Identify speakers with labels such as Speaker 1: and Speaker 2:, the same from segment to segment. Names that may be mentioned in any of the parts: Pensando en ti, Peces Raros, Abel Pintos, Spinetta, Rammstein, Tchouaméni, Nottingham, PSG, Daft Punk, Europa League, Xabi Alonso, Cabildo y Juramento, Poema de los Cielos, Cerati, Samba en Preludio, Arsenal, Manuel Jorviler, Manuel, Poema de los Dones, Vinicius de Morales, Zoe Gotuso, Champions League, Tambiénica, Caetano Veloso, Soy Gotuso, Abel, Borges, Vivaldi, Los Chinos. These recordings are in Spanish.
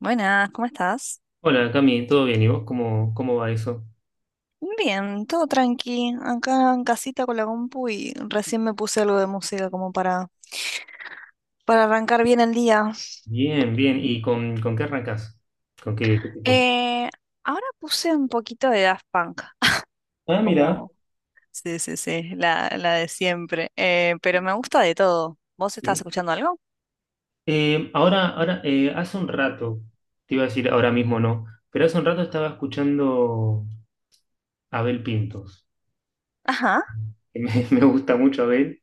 Speaker 1: Buenas, ¿cómo estás?
Speaker 2: Hola Cami, ¿todo bien? ¿Y vos cómo va eso?
Speaker 1: Bien, todo tranqui, acá en casita con la compu y recién me puse algo de música para arrancar bien el día.
Speaker 2: Bien, bien. ¿Y con qué arrancás? ¿Con qué te tomo?
Speaker 1: Eh, Ahora puse un poquito de Daft Punk,
Speaker 2: Ah, mira.
Speaker 1: como, sí, sí, sí, la de siempre. Pero me gusta de todo. ¿Vos estás
Speaker 2: Sí.
Speaker 1: escuchando algo?
Speaker 2: Ahora, ahora hace un rato, te iba a decir ahora mismo no, pero hace un rato estaba escuchando a Abel Pintos.
Speaker 1: Ajá,
Speaker 2: Me gusta mucho Abel.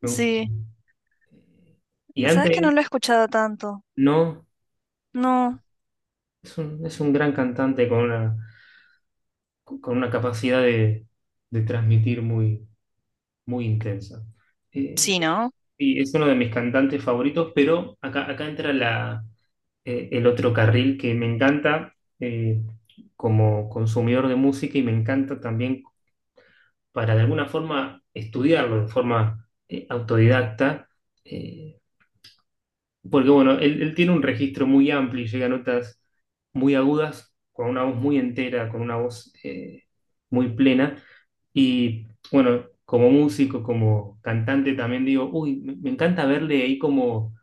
Speaker 2: Me gusta.
Speaker 1: sí,
Speaker 2: Y
Speaker 1: sabes que no
Speaker 2: antes,
Speaker 1: lo he escuchado tanto.
Speaker 2: no,
Speaker 1: No,
Speaker 2: es un gran cantante con una capacidad de transmitir muy, muy intensa. Eh,
Speaker 1: sí, ¿no?
Speaker 2: Sí, es uno de mis cantantes favoritos, pero acá entra el otro carril que me encanta eh, como consumidor de música y me encanta también para de alguna forma estudiarlo de forma autodidacta. eh, Porque bueno, él tiene un registro muy amplio y llega a notas muy agudas, con una voz muy entera, con una voz muy plena. Y bueno, como músico, como cantante también digo, uy, me encanta verle ahí como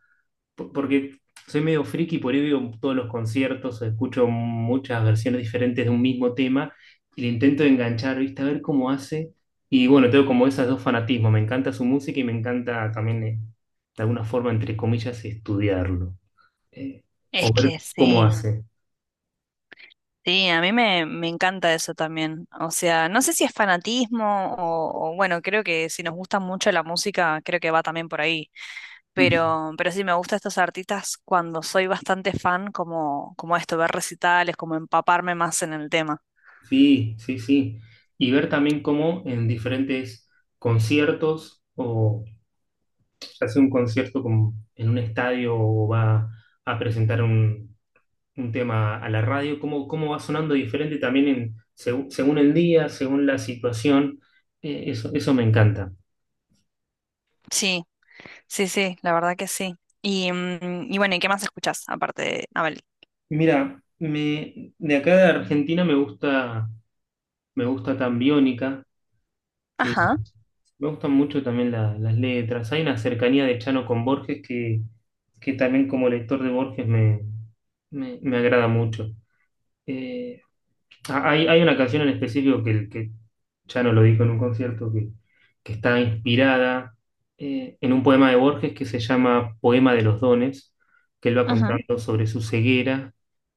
Speaker 2: porque soy medio friki, por ahí veo todos los conciertos, escucho muchas versiones diferentes de un mismo tema y le intento enganchar, ¿viste? A ver cómo hace. Y bueno, tengo como esos dos fanatismos, me encanta su música y me encanta también, de alguna forma, entre comillas, estudiarlo, eh,
Speaker 1: Es
Speaker 2: o ver
Speaker 1: que
Speaker 2: cómo
Speaker 1: sí.
Speaker 2: hace.
Speaker 1: Sí, a mí me encanta eso también. O sea, no sé si es fanatismo bueno, creo que si nos gusta mucho la música, creo que va también por ahí.
Speaker 2: Ujú.
Speaker 1: Pero sí, me gusta estos artistas cuando soy bastante fan, como, como esto, ver recitales, como empaparme más en el tema.
Speaker 2: Sí, sí, sí. Y ver también cómo en diferentes conciertos, o se hace un concierto como en un estadio o va a presentar un tema a la radio, cómo va sonando diferente también en, según el día, según la situación. Eso me encanta.
Speaker 1: Sí, sí, sí, la verdad que sí. Y, y bueno, ¿y qué más escuchás aparte de Abel?
Speaker 2: Mira, me, de acá de Argentina me gusta tan Biónica. eh,
Speaker 1: Ajá,
Speaker 2: Me gustan mucho también las letras. Hay una cercanía de Chano con Borges que también como lector de Borges me agrada mucho. Eh, Hay una canción en específico que ya no lo dijo en un concierto, que está inspirada en un poema de Borges que se llama Poema de los Dones, que él va
Speaker 1: ajá.
Speaker 2: contando sobre su ceguera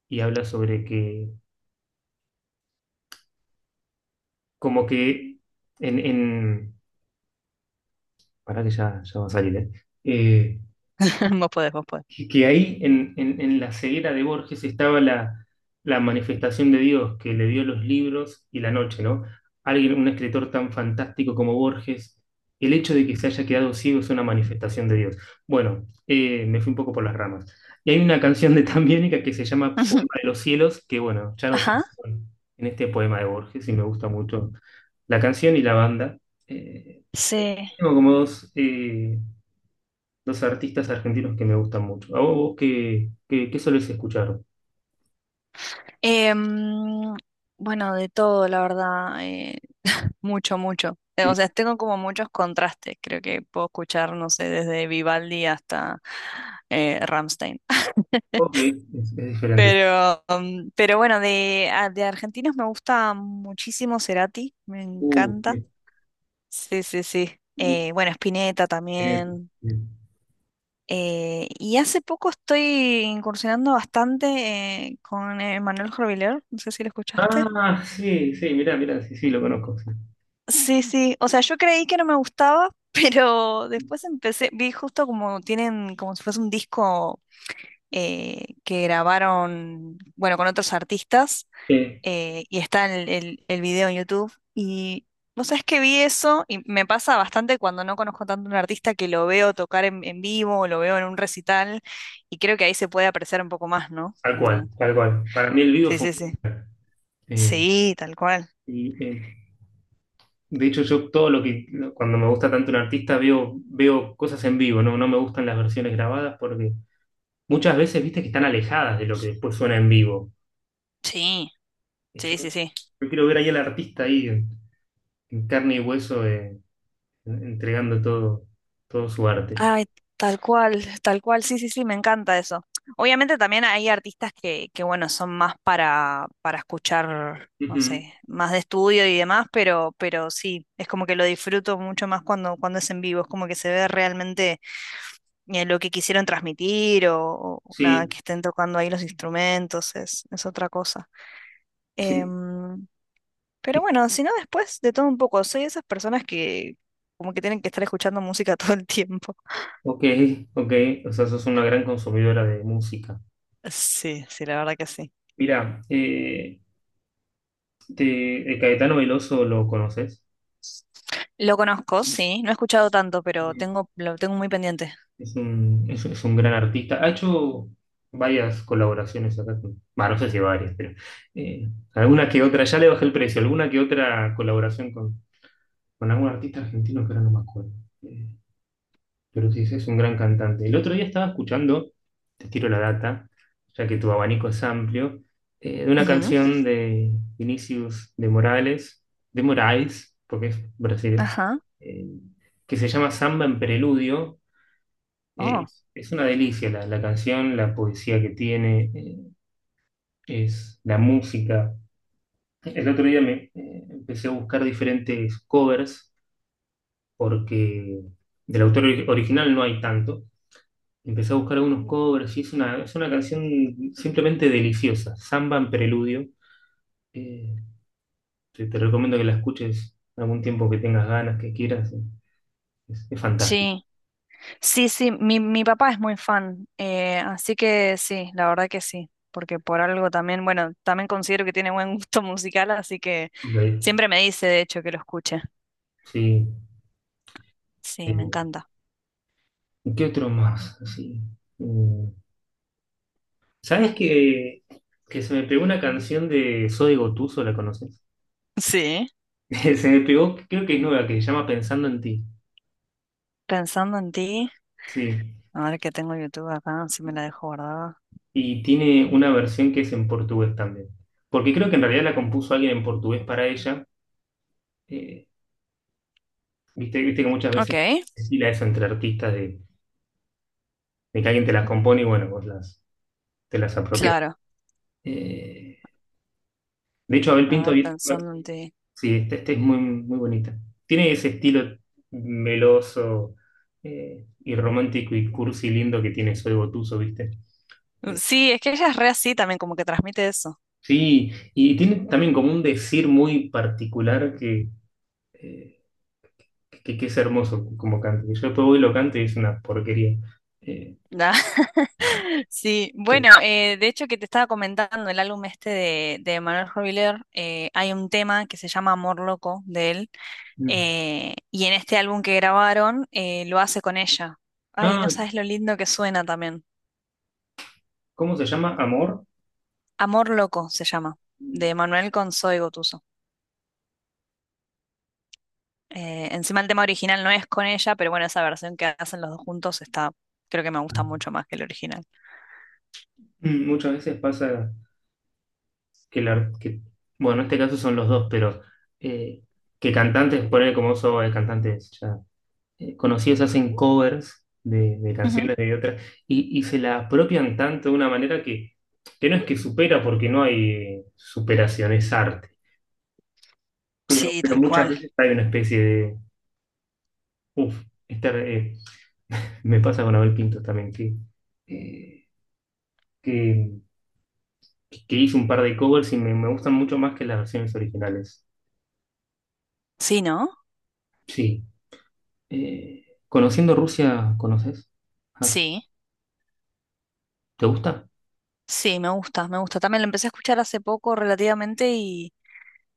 Speaker 2: y habla sobre que, como que en, en- pará que ya va a salir, ¿eh? Eh,
Speaker 1: Vos podés, vos podés.
Speaker 2: que ahí en la ceguera de Borges estaba la, la manifestación de Dios que le dio los libros y la noche, ¿no? Alguien, un escritor tan fantástico como Borges, el hecho de que se haya quedado ciego es una manifestación de Dios. Bueno, me fui un poco por las ramas. Y hay una canción de Tambiénica que se llama
Speaker 1: Ujú.
Speaker 2: Poema de los Cielos, que bueno, ya no sé
Speaker 1: Ajá,
Speaker 2: en este poema de Borges y me gusta mucho la canción y la banda. Eh,
Speaker 1: sí.
Speaker 2: Tengo como dos... dos artistas argentinos que me gustan mucho. ¿A vos qué solés escuchar?
Speaker 1: Em, bueno, de todo, la verdad. Mucho, mucho. O
Speaker 2: Sí.
Speaker 1: sea, tengo como muchos contrastes. Creo que puedo escuchar, no sé, desde Vivaldi hasta Rammstein.
Speaker 2: Ok, es diferente.
Speaker 1: Pero, um, pero bueno, de argentinos me gusta muchísimo Cerati, me encanta.
Speaker 2: Sí,
Speaker 1: Sí, sí, sí.
Speaker 2: sí,
Speaker 1: Bueno, Spinetta
Speaker 2: diferente,
Speaker 1: también.
Speaker 2: sí.
Speaker 1: Y hace poco estoy incursionando bastante con Manuel Jorviler, no sé si lo escuchaste.
Speaker 2: Ah, sí, sí, mirá, mirá, sí, sí, lo conozco, sí.
Speaker 1: Sí, sí, o sea, yo creí que no me gustaba, pero después empecé, vi justo como tienen, como si fuese un disco que grabaron, bueno, con otros artistas,
Speaker 2: Eh,
Speaker 1: y está el video en YouTube, y vos sabés que vi eso, y me pasa bastante cuando no conozco tanto a un artista que lo veo tocar en vivo, o lo veo en un recital, y creo que ahí se puede apreciar un poco más, ¿no?
Speaker 2: Tal cual,
Speaker 1: Como
Speaker 2: tal cual. Para mí el vivo
Speaker 1: sí,
Speaker 2: fue...
Speaker 1: sí, sí.
Speaker 2: un- eh,
Speaker 1: Sí, tal cual.
Speaker 2: y, eh, de hecho, yo todo lo que, cuando me gusta tanto un artista, veo cosas en vivo, ¿no? No me gustan las versiones grabadas porque muchas veces, viste, que están alejadas de lo que después suena en vivo.
Speaker 1: Sí,
Speaker 2: Y Yo,
Speaker 1: sí, sí, sí.
Speaker 2: yo quiero ver ahí al artista ahí en carne y hueso entregando todo, todo su arte.
Speaker 1: Ay, tal cual, sí, sí, sí, me encanta eso. Obviamente también hay artistas que bueno, son más para escuchar, no
Speaker 2: Ujú,
Speaker 1: sé, más de estudio y demás, pero sí, es como que lo disfruto mucho más cuando es en vivo, es como que se ve realmente lo que quisieron transmitir o nada,
Speaker 2: sí,
Speaker 1: que estén tocando ahí los instrumentos, es otra cosa.
Speaker 2: sí.
Speaker 1: Em, pero
Speaker 2: Y-
Speaker 1: bueno, si no, después de todo un poco, soy de esas personas que como que tienen que estar escuchando música todo el tiempo.
Speaker 2: Ok, ok. O sea, sos una gran consumidora de música.
Speaker 1: Sí, sí, la verdad que sí.
Speaker 2: Mira, de Caetano Veloso lo conoces.
Speaker 1: Lo conozco, sí. No he escuchado tanto, pero
Speaker 2: Mm.
Speaker 1: tengo, lo tengo muy pendiente.
Speaker 2: Es un, es un gran artista. Ha hecho varias colaboraciones acá con. Bah, no sé si varias, pero alguna que otra. Ya le bajé el precio. Alguna que otra colaboración con algún artista argentino que ahora no me acuerdo. Eh, pero sí, es un gran cantante. El otro día estaba escuchando, te tiro la data, ya que tu abanico es amplio, de una
Speaker 1: Ujú.
Speaker 2: canción de Vinicius de Morales, de Moraes, porque es Brasil,
Speaker 1: Ajá.
Speaker 2: eh, que se llama Samba en Preludio.
Speaker 1: Oh.
Speaker 2: Es una delicia la canción, la poesía que tiene, es la música. El otro día me empecé a buscar diferentes covers porque del autor original no hay tanto. Empecé a buscar algunos covers y es una canción simplemente deliciosa, Samba en Preludio. Eh, Te recomiendo que la escuches algún tiempo que tengas ganas, que quieras. Es fantástico.
Speaker 1: Sí. Sí, sí. Mi papá es muy fan. Así que sí, la verdad que sí. Porque por algo también, bueno, también considero que tiene buen gusto musical, así que
Speaker 2: Ok,
Speaker 1: siempre me dice, de hecho, que lo escuche.
Speaker 2: sí.
Speaker 1: Sí, me
Speaker 2: eh,
Speaker 1: encanta.
Speaker 2: ¿Y qué otro más? Así, mm, ¿sabes que se me pegó una canción de Soy Gotuso, la conoces?
Speaker 1: Sí.
Speaker 2: Se me pegó, creo que es nueva, que se llama Pensando en ti.
Speaker 1: Pensando en ti,
Speaker 2: Sí.
Speaker 1: a ver que tengo YouTube acá, si me la dejo guardada.
Speaker 2: Y tiene una versión que es en portugués también. Porque creo que en realidad la compuso alguien en portugués para ella. Eh, Viste que muchas
Speaker 1: Ok,
Speaker 2: veces se estila eso entre artistas de que alguien te las compone y bueno, te las apropias.
Speaker 1: claro.
Speaker 2: Eh, de hecho, Abel
Speaker 1: A
Speaker 2: Pinto,
Speaker 1: ver, pensando en ti.
Speaker 2: sí, esta este es muy, muy bonita. Tiene ese estilo meloso y romántico y cursi lindo que tiene Soy Gotuso, ¿viste? Eh,
Speaker 1: Sí, es que ella es re así también, como que transmite eso.
Speaker 2: sí, y tiene también como un decir muy particular eh, que es hermoso como cante. Yo después voy y lo canto y es una porquería. Eh,
Speaker 1: Da. Sí, bueno, de hecho que te estaba comentando el álbum este de Manuel Robiler, hay un tema que se llama Amor Loco de él,
Speaker 2: mm.
Speaker 1: y en este álbum que grabaron lo hace con ella. Ay, no
Speaker 2: Ah,
Speaker 1: sabes lo lindo que suena también.
Speaker 2: ¿cómo se llama? ¿Amor?
Speaker 1: Amor Loco se llama, de Manuel con Zoe Gotuso. Encima el tema original no es con ella, pero bueno, esa versión que hacen los dos juntos está, creo que me gusta mucho más que el original.
Speaker 2: Mm, muchas veces pasa que, la, que- bueno, en este caso son los dos, pero eh, que cantantes, poner como eso de cantantes ya conocidos hacen covers de
Speaker 1: Ujú.
Speaker 2: canciones de otras y se la apropian tanto de una manera que no es que supera, porque no hay superación, es arte.
Speaker 1: Sí,
Speaker 2: Pero
Speaker 1: tal
Speaker 2: muchas
Speaker 1: cual.
Speaker 2: veces hay una especie de, uff, me pasa con Abel Pinto también, eh, que, que hizo un par de covers y me gustan mucho más que las versiones originales.
Speaker 1: Sí, ¿no?
Speaker 2: Sí. Eh, Conociendo Rusia, ¿conoces? Ah,
Speaker 1: Sí,
Speaker 2: ¿te gusta?
Speaker 1: sí, me gusta, me gusta. También lo empecé a escuchar hace poco relativamente y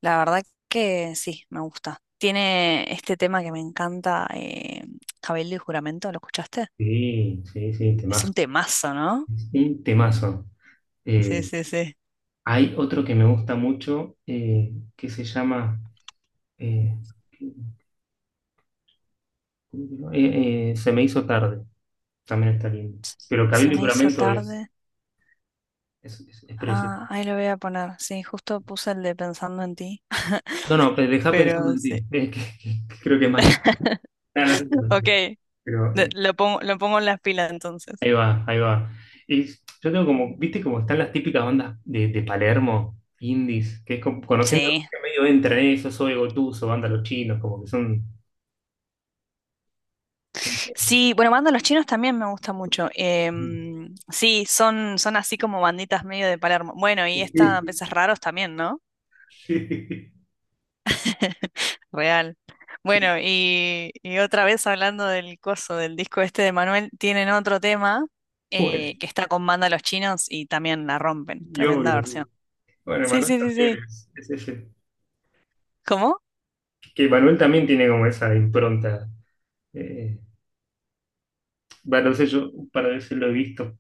Speaker 1: la verdad que sí, me gusta. Tiene este tema que me encanta, Cabildo y Juramento, ¿lo escuchaste?
Speaker 2: Sí, sí, sí,
Speaker 1: Es
Speaker 2: temazo.
Speaker 1: un temazo, ¿no?
Speaker 2: Sí, temazo.
Speaker 1: Sí,
Speaker 2: Eh,
Speaker 1: sí, sí.
Speaker 2: Hay otro que me gusta mucho que se llama eh, Se me hizo tarde. También está lindo. Pero
Speaker 1: Se
Speaker 2: Cabildo y
Speaker 1: me hizo
Speaker 2: Juramento
Speaker 1: tarde.
Speaker 2: es precioso.
Speaker 1: Ah, ahí lo voy a poner. Sí, justo puse el de Pensando en ti.
Speaker 2: No, no, pero deja pensando
Speaker 1: Pero
Speaker 2: en
Speaker 1: sí.
Speaker 2: ti. Que creo que es más lindo. Ah, no, no sé si es más
Speaker 1: Ok,
Speaker 2: lindo. Pero
Speaker 1: lo pongo en las pilas entonces.
Speaker 2: ahí va, ahí va. Yo tengo como, viste como están las típicas bandas de Palermo, indies, que es como, conociendo
Speaker 1: Sí.
Speaker 2: que medio entra en eso, Soy Gotuso, banda Los Chinos, como que son... son...
Speaker 1: Sí, bueno, banda Los Chinos también me gusta mucho.
Speaker 2: Sí,
Speaker 1: Sí, son, son así como banditas medio de Palermo. Bueno, y esta
Speaker 2: sí,
Speaker 1: Peces Raros también, ¿no?
Speaker 2: sí.
Speaker 1: Real.
Speaker 2: Sí.
Speaker 1: Bueno, y otra vez hablando del coso, del disco este de Manuel, tienen otro tema
Speaker 2: Bueno,
Speaker 1: que está con banda Los Chinos y también la rompen.
Speaker 2: y
Speaker 1: Tremenda
Speaker 2: obvio,
Speaker 1: versión.
Speaker 2: sí. Bueno,
Speaker 1: Sí,
Speaker 2: Manuel
Speaker 1: sí, sí,
Speaker 2: también
Speaker 1: sí.
Speaker 2: es ese.
Speaker 1: ¿Cómo?
Speaker 2: Que Manuel también tiene como esa impronta. Eh, bueno, no sé, yo para veces lo he visto.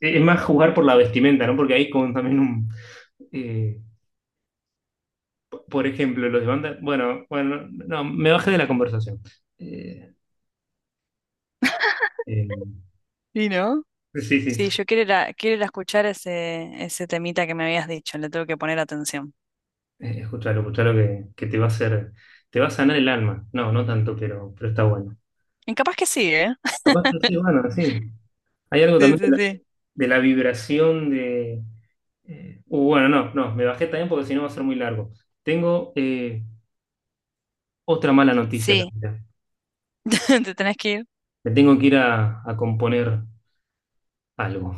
Speaker 2: Es más jugar por la vestimenta, ¿no? Porque hay como también un... eh, por ejemplo, los de banda. Bueno, bueno, no, me bajé de la conversación. Eh, eh,
Speaker 1: ¿Y ¿no?
Speaker 2: sí,
Speaker 1: Sí,
Speaker 2: sí,
Speaker 1: yo quiero ir a escuchar ese temita que me habías dicho, le tengo que poner atención.
Speaker 2: escuchalo, escuchalo que te va a hacer, te va a sanar el alma. No, no tanto, pero está bueno.
Speaker 1: Y capaz que sí, ¿eh?
Speaker 2: Capaz que sí, bueno, sí. Hay algo
Speaker 1: Sí,
Speaker 2: también
Speaker 1: sí, sí.
Speaker 2: de la vibración de. Bueno, no, no, me bajé también porque si no va a ser muy largo. Tengo otra mala noticia,
Speaker 1: Sí,
Speaker 2: Camila.
Speaker 1: te tenés que ir.
Speaker 2: Me tengo que ir a componer algo.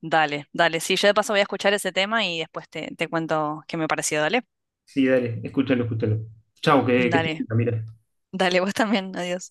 Speaker 1: Dale, dale. Sí, yo de paso voy a escuchar ese tema y después te cuento qué me pareció. Dale.
Speaker 2: Sí, dale, escúchalo, escúchalo. Chau, que estés
Speaker 1: Dale,
Speaker 2: bien, Camila.
Speaker 1: dale, vos también. Adiós.